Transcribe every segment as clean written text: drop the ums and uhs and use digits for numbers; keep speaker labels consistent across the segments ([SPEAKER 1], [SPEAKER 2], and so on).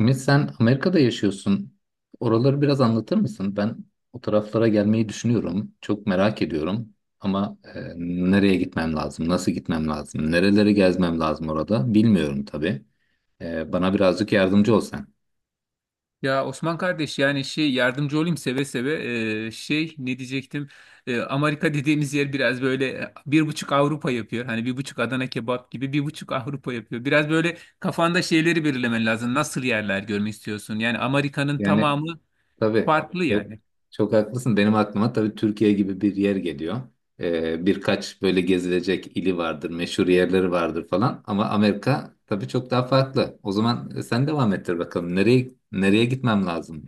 [SPEAKER 1] Ümit sen Amerika'da yaşıyorsun. Oraları biraz anlatır mısın? Ben o taraflara gelmeyi düşünüyorum. Çok merak ediyorum. Ama nereye gitmem lazım? Nasıl gitmem lazım? Nereleri gezmem lazım orada? Bilmiyorum tabii. Bana birazcık yardımcı olsan.
[SPEAKER 2] Ya Osman kardeş yani şey yardımcı olayım seve seve. Şey ne diyecektim. Amerika dediğimiz yer biraz böyle bir buçuk Avrupa yapıyor, hani bir buçuk Adana kebap gibi. Bir buçuk Avrupa yapıyor. Biraz böyle kafanda şeyleri belirlemen lazım, nasıl yerler görmek istiyorsun. Yani Amerika'nın
[SPEAKER 1] Yani,
[SPEAKER 2] tamamı
[SPEAKER 1] tabii,
[SPEAKER 2] farklı
[SPEAKER 1] çok
[SPEAKER 2] yani.
[SPEAKER 1] haklısın. Benim aklıma tabii Türkiye gibi bir yer geliyor. Birkaç böyle gezilecek ili vardır, meşhur yerleri vardır falan. Ama Amerika tabii çok daha farklı. O zaman sen devam ettir bakalım. Nereye gitmem lazım?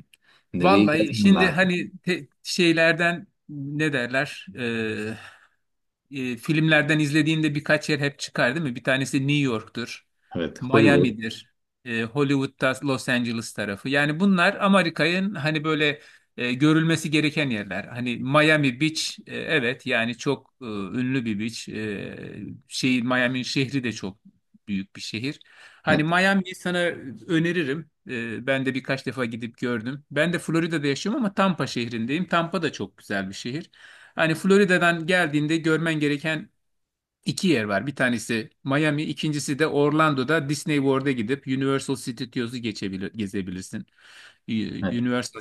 [SPEAKER 1] Nereyi
[SPEAKER 2] Vallahi
[SPEAKER 1] gezmem
[SPEAKER 2] şimdi
[SPEAKER 1] lazım?
[SPEAKER 2] hani şeylerden ne derler. Filmlerden izlediğinde birkaç yer hep çıkar, değil mi? Bir tanesi New York'tur,
[SPEAKER 1] Evet, Hollywood.
[SPEAKER 2] Miami'dir, Hollywood'da Los Angeles tarafı. Yani bunlar Amerika'nın hani böyle görülmesi gereken yerler. Hani Miami Beach, evet yani çok ünlü bir beach. Miami'nin şehri de çok büyük bir şehir. Hani
[SPEAKER 1] Evet,
[SPEAKER 2] Miami'yi sana öneririm. Ben de birkaç defa gidip gördüm. Ben de Florida'da yaşıyorum ama Tampa şehrindeyim. Tampa da çok güzel bir şehir. Hani Florida'dan geldiğinde görmen gereken iki yer var. Bir tanesi Miami, ikincisi de Orlando'da Disney World'a gidip Universal Studios'u geçebilir, gezebilirsin.
[SPEAKER 1] evet.
[SPEAKER 2] Universal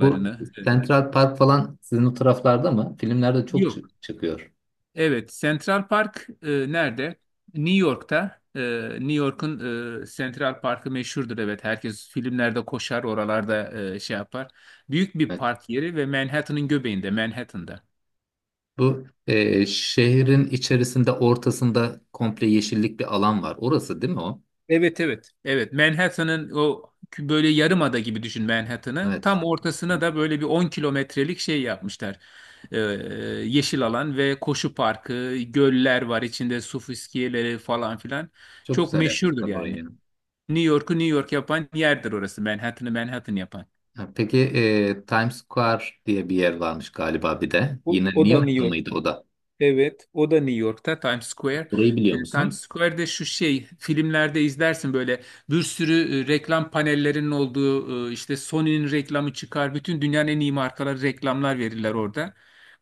[SPEAKER 1] Bu
[SPEAKER 2] e,
[SPEAKER 1] Central Park falan sizin o taraflarda mı? Filmlerde çok
[SPEAKER 2] Yok.
[SPEAKER 1] çıkıyor.
[SPEAKER 2] Evet, Central Park nerede? New York'ta. New York'un Central Park'ı meşhurdur. Evet, herkes filmlerde koşar, oralarda şey yapar. Büyük bir
[SPEAKER 1] Evet.
[SPEAKER 2] park yeri ve Manhattan'ın göbeğinde, Manhattan'da.
[SPEAKER 1] Bu şehrin içerisinde ortasında komple yeşillik bir alan var. Orası değil mi o?
[SPEAKER 2] Evet, evet. Evet. Manhattan'ın böyle yarımada gibi düşün Manhattan'ı.
[SPEAKER 1] Evet.
[SPEAKER 2] Tam ortasına da böyle bir 10 kilometrelik şey yapmışlar. Ee, yeşil alan ve koşu parkı, göller var içinde, su fıskiyeleri falan filan.
[SPEAKER 1] Çok
[SPEAKER 2] Çok
[SPEAKER 1] güzel
[SPEAKER 2] meşhurdur
[SPEAKER 1] yapmışlar
[SPEAKER 2] yani.
[SPEAKER 1] orayı.
[SPEAKER 2] New York'u New York yapan yerdir orası. Manhattan'ı Manhattan yapan.
[SPEAKER 1] Ha, peki Times Square diye bir yer varmış galiba bir de.
[SPEAKER 2] O,
[SPEAKER 1] Yine New
[SPEAKER 2] o da New
[SPEAKER 1] York'ta
[SPEAKER 2] York.
[SPEAKER 1] mıydı o da?
[SPEAKER 2] Evet, o da New York'ta, Times Square.
[SPEAKER 1] Orayı
[SPEAKER 2] E,
[SPEAKER 1] biliyor
[SPEAKER 2] Times
[SPEAKER 1] musun?
[SPEAKER 2] Square'de şu şey, filmlerde izlersin böyle bir sürü reklam panellerinin olduğu, işte Sony'nin reklamı çıkar. Bütün dünyanın en iyi markaları reklamlar verirler orada.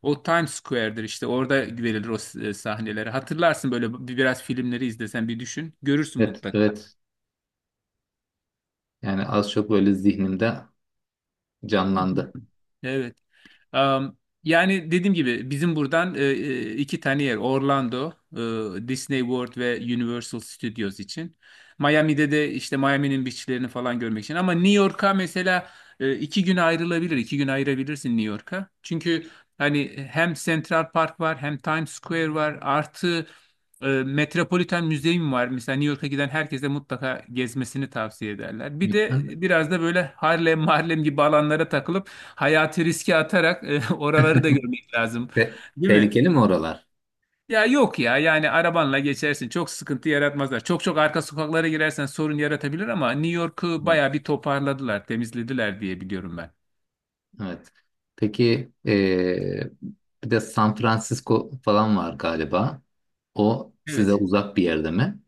[SPEAKER 2] O Times Square'dir işte, orada verilir o sahneleri. Hatırlarsın böyle bir biraz filmleri izlesen bir düşün. Görürsün
[SPEAKER 1] Evet,
[SPEAKER 2] mutlaka.
[SPEAKER 1] evet. Yani az çok böyle zihnimde canlandı.
[SPEAKER 2] Evet. Am, yani dediğim gibi bizim buradan iki tane yer Orlando, Disney World ve Universal Studios için. Miami'de de işte Miami'nin beachlerini falan görmek için. Ama New York'a mesela 2 gün ayrılabilir, 2 gün ayırabilirsin New York'a. Çünkü hani hem Central Park var, hem Times Square var, artı Metropolitan Müzeyim var. Mesela New York'a giden herkese mutlaka gezmesini tavsiye ederler. Bir de
[SPEAKER 1] Lütfen.
[SPEAKER 2] biraz da böyle Harlem, Harlem gibi alanlara takılıp hayatı riske atarak oraları da görmek lazım.
[SPEAKER 1] Te-
[SPEAKER 2] Değil mi?
[SPEAKER 1] tehlikeli mi oralar?
[SPEAKER 2] Ya yok ya, yani arabanla geçersin. Çok sıkıntı yaratmazlar. Çok çok arka sokaklara girersen sorun yaratabilir, ama New York'u
[SPEAKER 1] Evet.
[SPEAKER 2] bayağı bir toparladılar, temizlediler diye biliyorum ben.
[SPEAKER 1] Evet. Peki, bir de San Francisco falan var galiba. O size
[SPEAKER 2] Evet.
[SPEAKER 1] uzak bir yerde mi?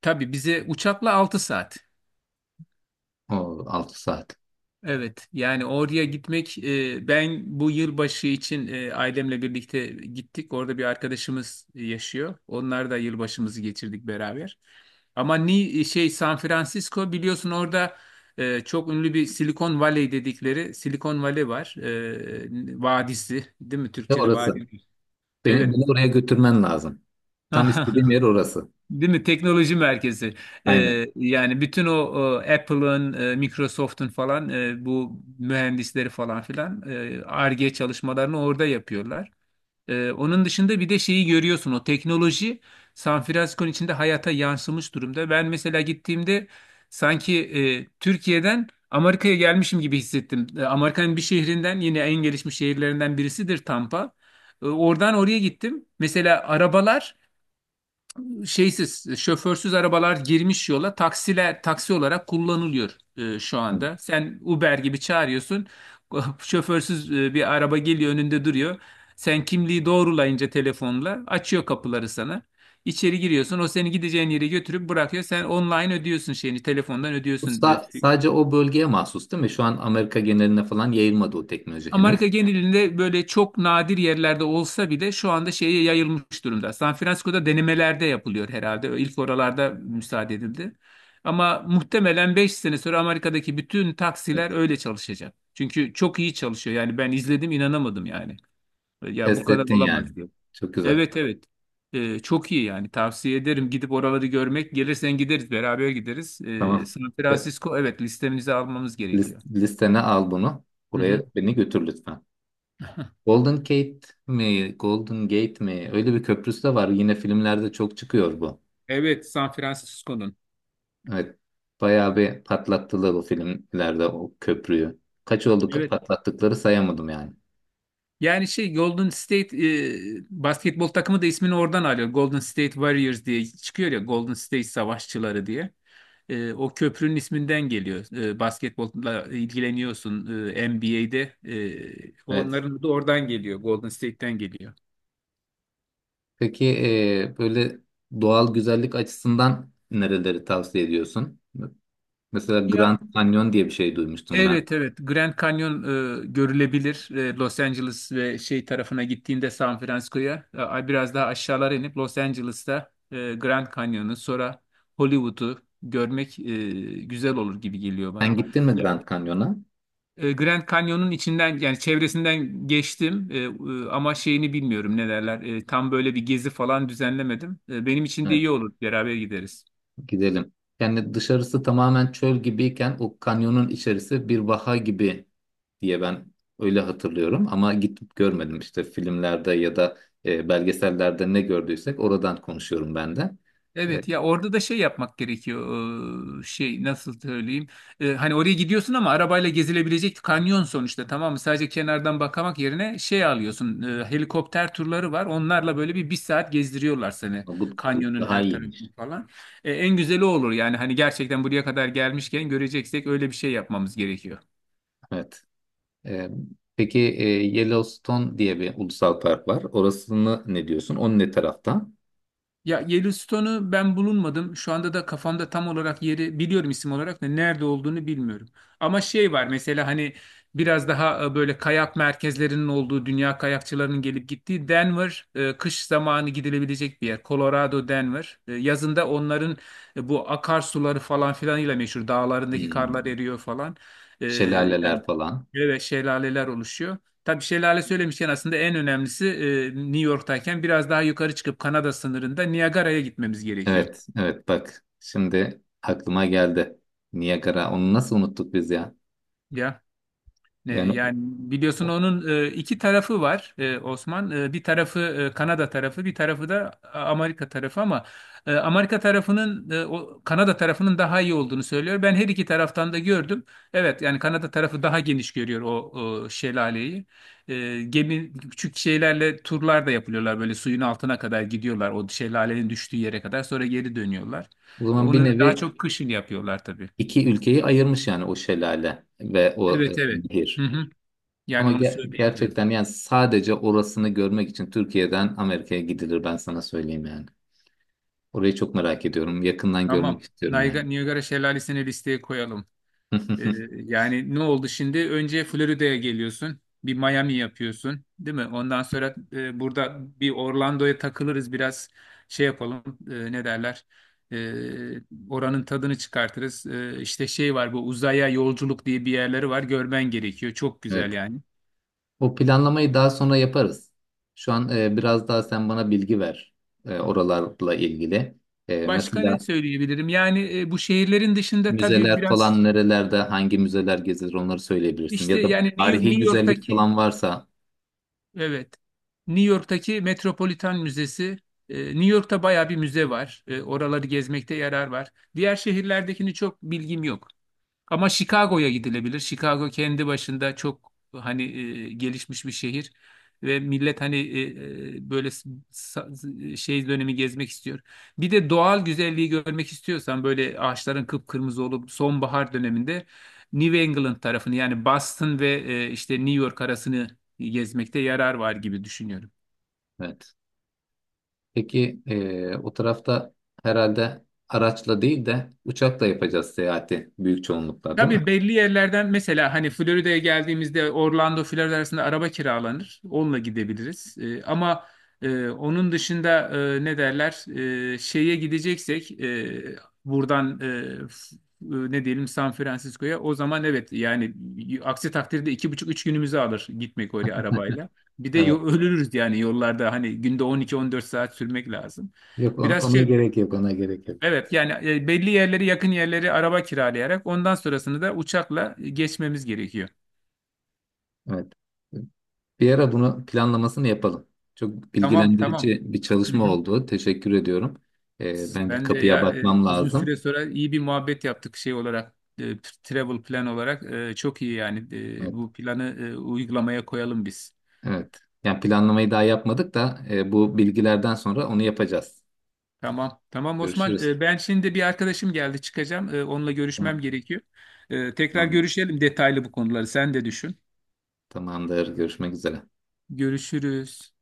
[SPEAKER 2] Tabii bize uçakla 6 saat.
[SPEAKER 1] O 6 saat.
[SPEAKER 2] Evet yani oraya gitmek, ben bu yılbaşı için ailemle birlikte gittik. Orada bir arkadaşımız yaşıyor. Onlar da, yılbaşımızı geçirdik beraber. Ama şey San Francisco, biliyorsun orada çok ünlü bir Silikon Valley dedikleri Silikon Valley var. Vadisi değil mi?
[SPEAKER 1] Ve
[SPEAKER 2] Türkçe'de
[SPEAKER 1] orası.
[SPEAKER 2] vadi.
[SPEAKER 1] Beni,
[SPEAKER 2] Evet.
[SPEAKER 1] beni oraya götürmen lazım. Tam istediğim yer orası.
[SPEAKER 2] Değil mi? Teknoloji merkezi.
[SPEAKER 1] Aynen.
[SPEAKER 2] Yani bütün o Apple'ın, Microsoft'un falan, bu mühendisleri falan filan, Ar-Ge çalışmalarını orada yapıyorlar. Onun dışında bir de şeyi görüyorsun. O teknoloji San Francisco'nun içinde hayata yansımış durumda. Ben mesela gittiğimde sanki Türkiye'den Amerika'ya gelmişim gibi hissettim. Amerika'nın bir şehrinden, yine en gelişmiş şehirlerinden birisidir Tampa. Oradan oraya gittim. Mesela arabalar, şeysiz, şoförsüz arabalar girmiş yola, taksiler taksi olarak kullanılıyor şu
[SPEAKER 1] Hı.
[SPEAKER 2] anda. Sen Uber gibi çağırıyorsun. Şoförsüz bir araba geliyor, önünde duruyor. Sen kimliği doğrulayınca telefonla açıyor kapıları sana. İçeri giriyorsun. O seni gideceğin yere götürüp bırakıyor. Sen online ödüyorsun şeyini. Telefondan
[SPEAKER 1] Bu
[SPEAKER 2] ödüyorsun e,
[SPEAKER 1] sadece o bölgeye mahsus değil mi? Şu an Amerika geneline falan yayılmadı o teknoloji henüz.
[SPEAKER 2] Amerika genelinde böyle çok nadir yerlerde olsa bile şu anda şeye yayılmış durumda. San Francisco'da denemelerde yapılıyor herhalde. İlk oralarda müsaade edildi. Ama muhtemelen 5 sene sonra Amerika'daki bütün
[SPEAKER 1] Evet.
[SPEAKER 2] taksiler öyle çalışacak. Çünkü çok iyi çalışıyor. Yani ben izledim, inanamadım yani. Ya bu
[SPEAKER 1] Test
[SPEAKER 2] kadar
[SPEAKER 1] ettin yani.
[SPEAKER 2] olamaz diye.
[SPEAKER 1] Çok güzel.
[SPEAKER 2] Evet, evet. Çok iyi yani, tavsiye ederim gidip oraları görmek. Gelirsen gideriz, beraber gideriz. Ee,
[SPEAKER 1] Tamam.
[SPEAKER 2] San
[SPEAKER 1] Ve
[SPEAKER 2] Francisco, evet, listemize almamız gerekiyor.
[SPEAKER 1] listene al bunu.
[SPEAKER 2] Hı
[SPEAKER 1] Buraya
[SPEAKER 2] hı.
[SPEAKER 1] beni götür lütfen. Golden Gate mi? Golden Gate mi? Öyle bir köprüsü de var. Yine filmlerde çok çıkıyor bu.
[SPEAKER 2] Evet, San Francisco'nun.
[SPEAKER 1] Evet. Bayağı bir patlattılar o filmlerde o köprüyü. Kaç oldu,
[SPEAKER 2] Evet.
[SPEAKER 1] patlattıkları sayamadım yani.
[SPEAKER 2] Yani şey Golden State, basketbol takımı da ismini oradan alıyor. Golden State Warriors diye çıkıyor ya, Golden State Savaşçıları diye. O köprünün isminden geliyor. Basketbolla ilgileniyorsun NBA'de. E,
[SPEAKER 1] Evet.
[SPEAKER 2] onların da oradan geliyor, Golden State'ten geliyor.
[SPEAKER 1] Peki, böyle doğal güzellik açısından nereleri tavsiye ediyorsun? Mesela Grand
[SPEAKER 2] Ya.
[SPEAKER 1] Canyon diye bir şey duymuştum ben.
[SPEAKER 2] Evet, evet, Grand Canyon görülebilir. Los Angeles ve şey tarafına gittiğinde, San Francisco'ya biraz daha aşağılara inip Los Angeles'ta Grand Canyon'u, sonra Hollywood'u görmek güzel olur gibi geliyor bana.
[SPEAKER 1] Sen gittin mi
[SPEAKER 2] Yani
[SPEAKER 1] Grand Canyon'a?
[SPEAKER 2] Grand Canyon'un içinden, yani çevresinden geçtim, ama şeyini bilmiyorum ne derler. Tam böyle bir gezi falan düzenlemedim. Benim için de
[SPEAKER 1] Evet,
[SPEAKER 2] iyi olur, beraber gideriz.
[SPEAKER 1] gidelim. Yani dışarısı tamamen çöl gibiyken o kanyonun içerisi bir vaha gibi diye ben öyle hatırlıyorum. Ama gitip görmedim, işte filmlerde ya da belgesellerde ne gördüysek oradan konuşuyorum ben de. E,
[SPEAKER 2] Evet ya, orada da şey yapmak gerekiyor. Şey nasıl söyleyeyim. Hani oraya gidiyorsun, ama arabayla gezilebilecek kanyon sonuçta, tamam mı, sadece kenardan bakmak yerine şey alıyorsun, helikopter turları var, onlarla böyle bir bir saat gezdiriyorlar seni,
[SPEAKER 1] bu
[SPEAKER 2] kanyonun
[SPEAKER 1] daha
[SPEAKER 2] her tarafını
[SPEAKER 1] iyiymiş.
[SPEAKER 2] falan. En güzeli o olur yani, hani gerçekten buraya kadar gelmişken göreceksek, öyle bir şey yapmamız gerekiyor.
[SPEAKER 1] Evet. Ee, peki Yellowstone diye bir ulusal park var. Orasını ne diyorsun? Onun ne tarafta?
[SPEAKER 2] Ya Yellowstone'u ben bulunmadım. Şu anda da kafamda tam olarak yeri biliyorum, isim olarak da nerede olduğunu bilmiyorum. Ama şey var mesela, hani biraz daha böyle kayak merkezlerinin olduğu, dünya kayakçılarının gelip gittiği Denver, kış zamanı gidilebilecek bir yer. Colorado Denver. Yazında onların bu akarsuları falan filanıyla meşhur. Dağlarındaki karlar
[SPEAKER 1] Hmm.
[SPEAKER 2] eriyor falan. Yani
[SPEAKER 1] Şelaleler falan.
[SPEAKER 2] böyle şelaleler oluşuyor. Tabii şelale söylemişken aslında en önemlisi, New York'tayken biraz daha yukarı çıkıp Kanada sınırında Niagara'ya gitmemiz gerekiyor.
[SPEAKER 1] Evet, evet bak şimdi aklıma geldi. Niagara. Onu nasıl unuttuk biz ya?
[SPEAKER 2] Ya. E,
[SPEAKER 1] Yani
[SPEAKER 2] Yani biliyorsun
[SPEAKER 1] o
[SPEAKER 2] onun iki tarafı var Osman. Bir tarafı Kanada tarafı, bir tarafı da Amerika tarafı, ama Amerika tarafının, o Kanada tarafının daha iyi olduğunu söylüyor. Ben her iki taraftan da gördüm. Evet yani Kanada tarafı daha geniş görüyor o şelaleyi. Gemi küçük şeylerle turlar da yapılıyorlar, böyle suyun altına kadar gidiyorlar, o şelalenin düştüğü yere kadar, sonra geri dönüyorlar. E,
[SPEAKER 1] zaman bir
[SPEAKER 2] Onu da daha
[SPEAKER 1] nevi
[SPEAKER 2] çok kışın yapıyorlar tabii.
[SPEAKER 1] iki ülkeyi ayırmış yani o şelale ve o
[SPEAKER 2] Evet, evet. Hı
[SPEAKER 1] nehir.
[SPEAKER 2] hı. Yani
[SPEAKER 1] Ama
[SPEAKER 2] onu söyleyebilirim.
[SPEAKER 1] gerçekten yani sadece orasını görmek için Türkiye'den Amerika'ya gidilir, ben sana söyleyeyim yani. Orayı çok merak ediyorum. Yakından görmek
[SPEAKER 2] Tamam.
[SPEAKER 1] istiyorum yani.
[SPEAKER 2] Niagara, Niagara Şelalesi'ni listeye koyalım. Ee, yani ne oldu şimdi? Önce Florida'ya geliyorsun. Bir Miami yapıyorsun, değil mi? Ondan sonra burada bir Orlando'ya takılırız biraz, şey yapalım, ne derler? Ee, oranın tadını çıkartırız. İşte şey var, bu uzaya yolculuk diye bir yerleri var. Görmen gerekiyor. Çok güzel
[SPEAKER 1] Evet.
[SPEAKER 2] yani.
[SPEAKER 1] O planlamayı daha sonra yaparız. Şu an biraz daha sen bana bilgi ver oralarla ilgili.
[SPEAKER 2] Başka
[SPEAKER 1] Mesela
[SPEAKER 2] ne söyleyebilirim? Yani bu şehirlerin dışında tabii
[SPEAKER 1] müzeler falan
[SPEAKER 2] biraz
[SPEAKER 1] nerelerde, hangi müzeler gezilir onları söyleyebilirsin.
[SPEAKER 2] işte,
[SPEAKER 1] Ya da
[SPEAKER 2] yani New
[SPEAKER 1] tarihi
[SPEAKER 2] New
[SPEAKER 1] güzellik
[SPEAKER 2] York'taki.
[SPEAKER 1] falan varsa.
[SPEAKER 2] Evet. New York'taki Metropolitan Müzesi. New York'ta bayağı bir müze var. Oraları gezmekte yarar var. Diğer şehirlerdekini çok bilgim yok. Ama Chicago'ya gidilebilir. Chicago kendi başında çok hani gelişmiş bir şehir, ve millet hani böyle şey dönemi gezmek istiyor. Bir de doğal güzelliği görmek istiyorsan, böyle ağaçların kıpkırmızı olup sonbahar döneminde New England tarafını, yani Boston ve işte New York arasını gezmekte yarar var gibi düşünüyorum.
[SPEAKER 1] Evet. Peki o tarafta herhalde araçla değil de uçakla yapacağız seyahati büyük çoğunlukla, değil
[SPEAKER 2] Tabii
[SPEAKER 1] mi?
[SPEAKER 2] belli yerlerden, mesela hani Florida'ya geldiğimizde Orlando Florida arasında araba kiralanır. Onunla gidebiliriz. Ama onun dışında ne derler, şeye gideceksek, buradan, ne diyelim, San Francisco'ya o zaman, evet yani, aksi takdirde 2,5-3 günümüzü alır gitmek oraya arabayla. Bir de
[SPEAKER 1] Evet.
[SPEAKER 2] ölürüz yani yollarda, hani günde 12-14 saat sürmek lazım.
[SPEAKER 1] Yok, ona,
[SPEAKER 2] Biraz
[SPEAKER 1] ona
[SPEAKER 2] şey.
[SPEAKER 1] gerek yok, ona gerek yok.
[SPEAKER 2] Evet yani belli yerleri, yakın yerleri araba kiralayarak, ondan sonrasını da uçakla geçmemiz gerekiyor.
[SPEAKER 1] Evet. Bir ara bunu planlamasını yapalım. Çok
[SPEAKER 2] Tamam, tamam.
[SPEAKER 1] bilgilendirici bir
[SPEAKER 2] Hı
[SPEAKER 1] çalışma
[SPEAKER 2] hı.
[SPEAKER 1] oldu. Teşekkür ediyorum. Ben bir
[SPEAKER 2] Ben de
[SPEAKER 1] kapıya
[SPEAKER 2] ya
[SPEAKER 1] bakmam
[SPEAKER 2] uzun süre
[SPEAKER 1] lazım.
[SPEAKER 2] sonra iyi bir muhabbet yaptık, şey olarak travel plan olarak. Çok iyi yani. E,
[SPEAKER 1] Evet.
[SPEAKER 2] bu planı uygulamaya koyalım biz.
[SPEAKER 1] Evet. Yani planlamayı daha yapmadık da bu bilgilerden sonra onu yapacağız.
[SPEAKER 2] Tamam, tamam Osman.
[SPEAKER 1] Görüşürüz.
[SPEAKER 2] Ben şimdi bir arkadaşım geldi, çıkacağım. Onunla görüşmem
[SPEAKER 1] Tamam.
[SPEAKER 2] gerekiyor. Tekrar
[SPEAKER 1] Tamamdır.
[SPEAKER 2] görüşelim detaylı, bu konuları sen de düşün.
[SPEAKER 1] Tamamdır. Görüşmek üzere.
[SPEAKER 2] Görüşürüz.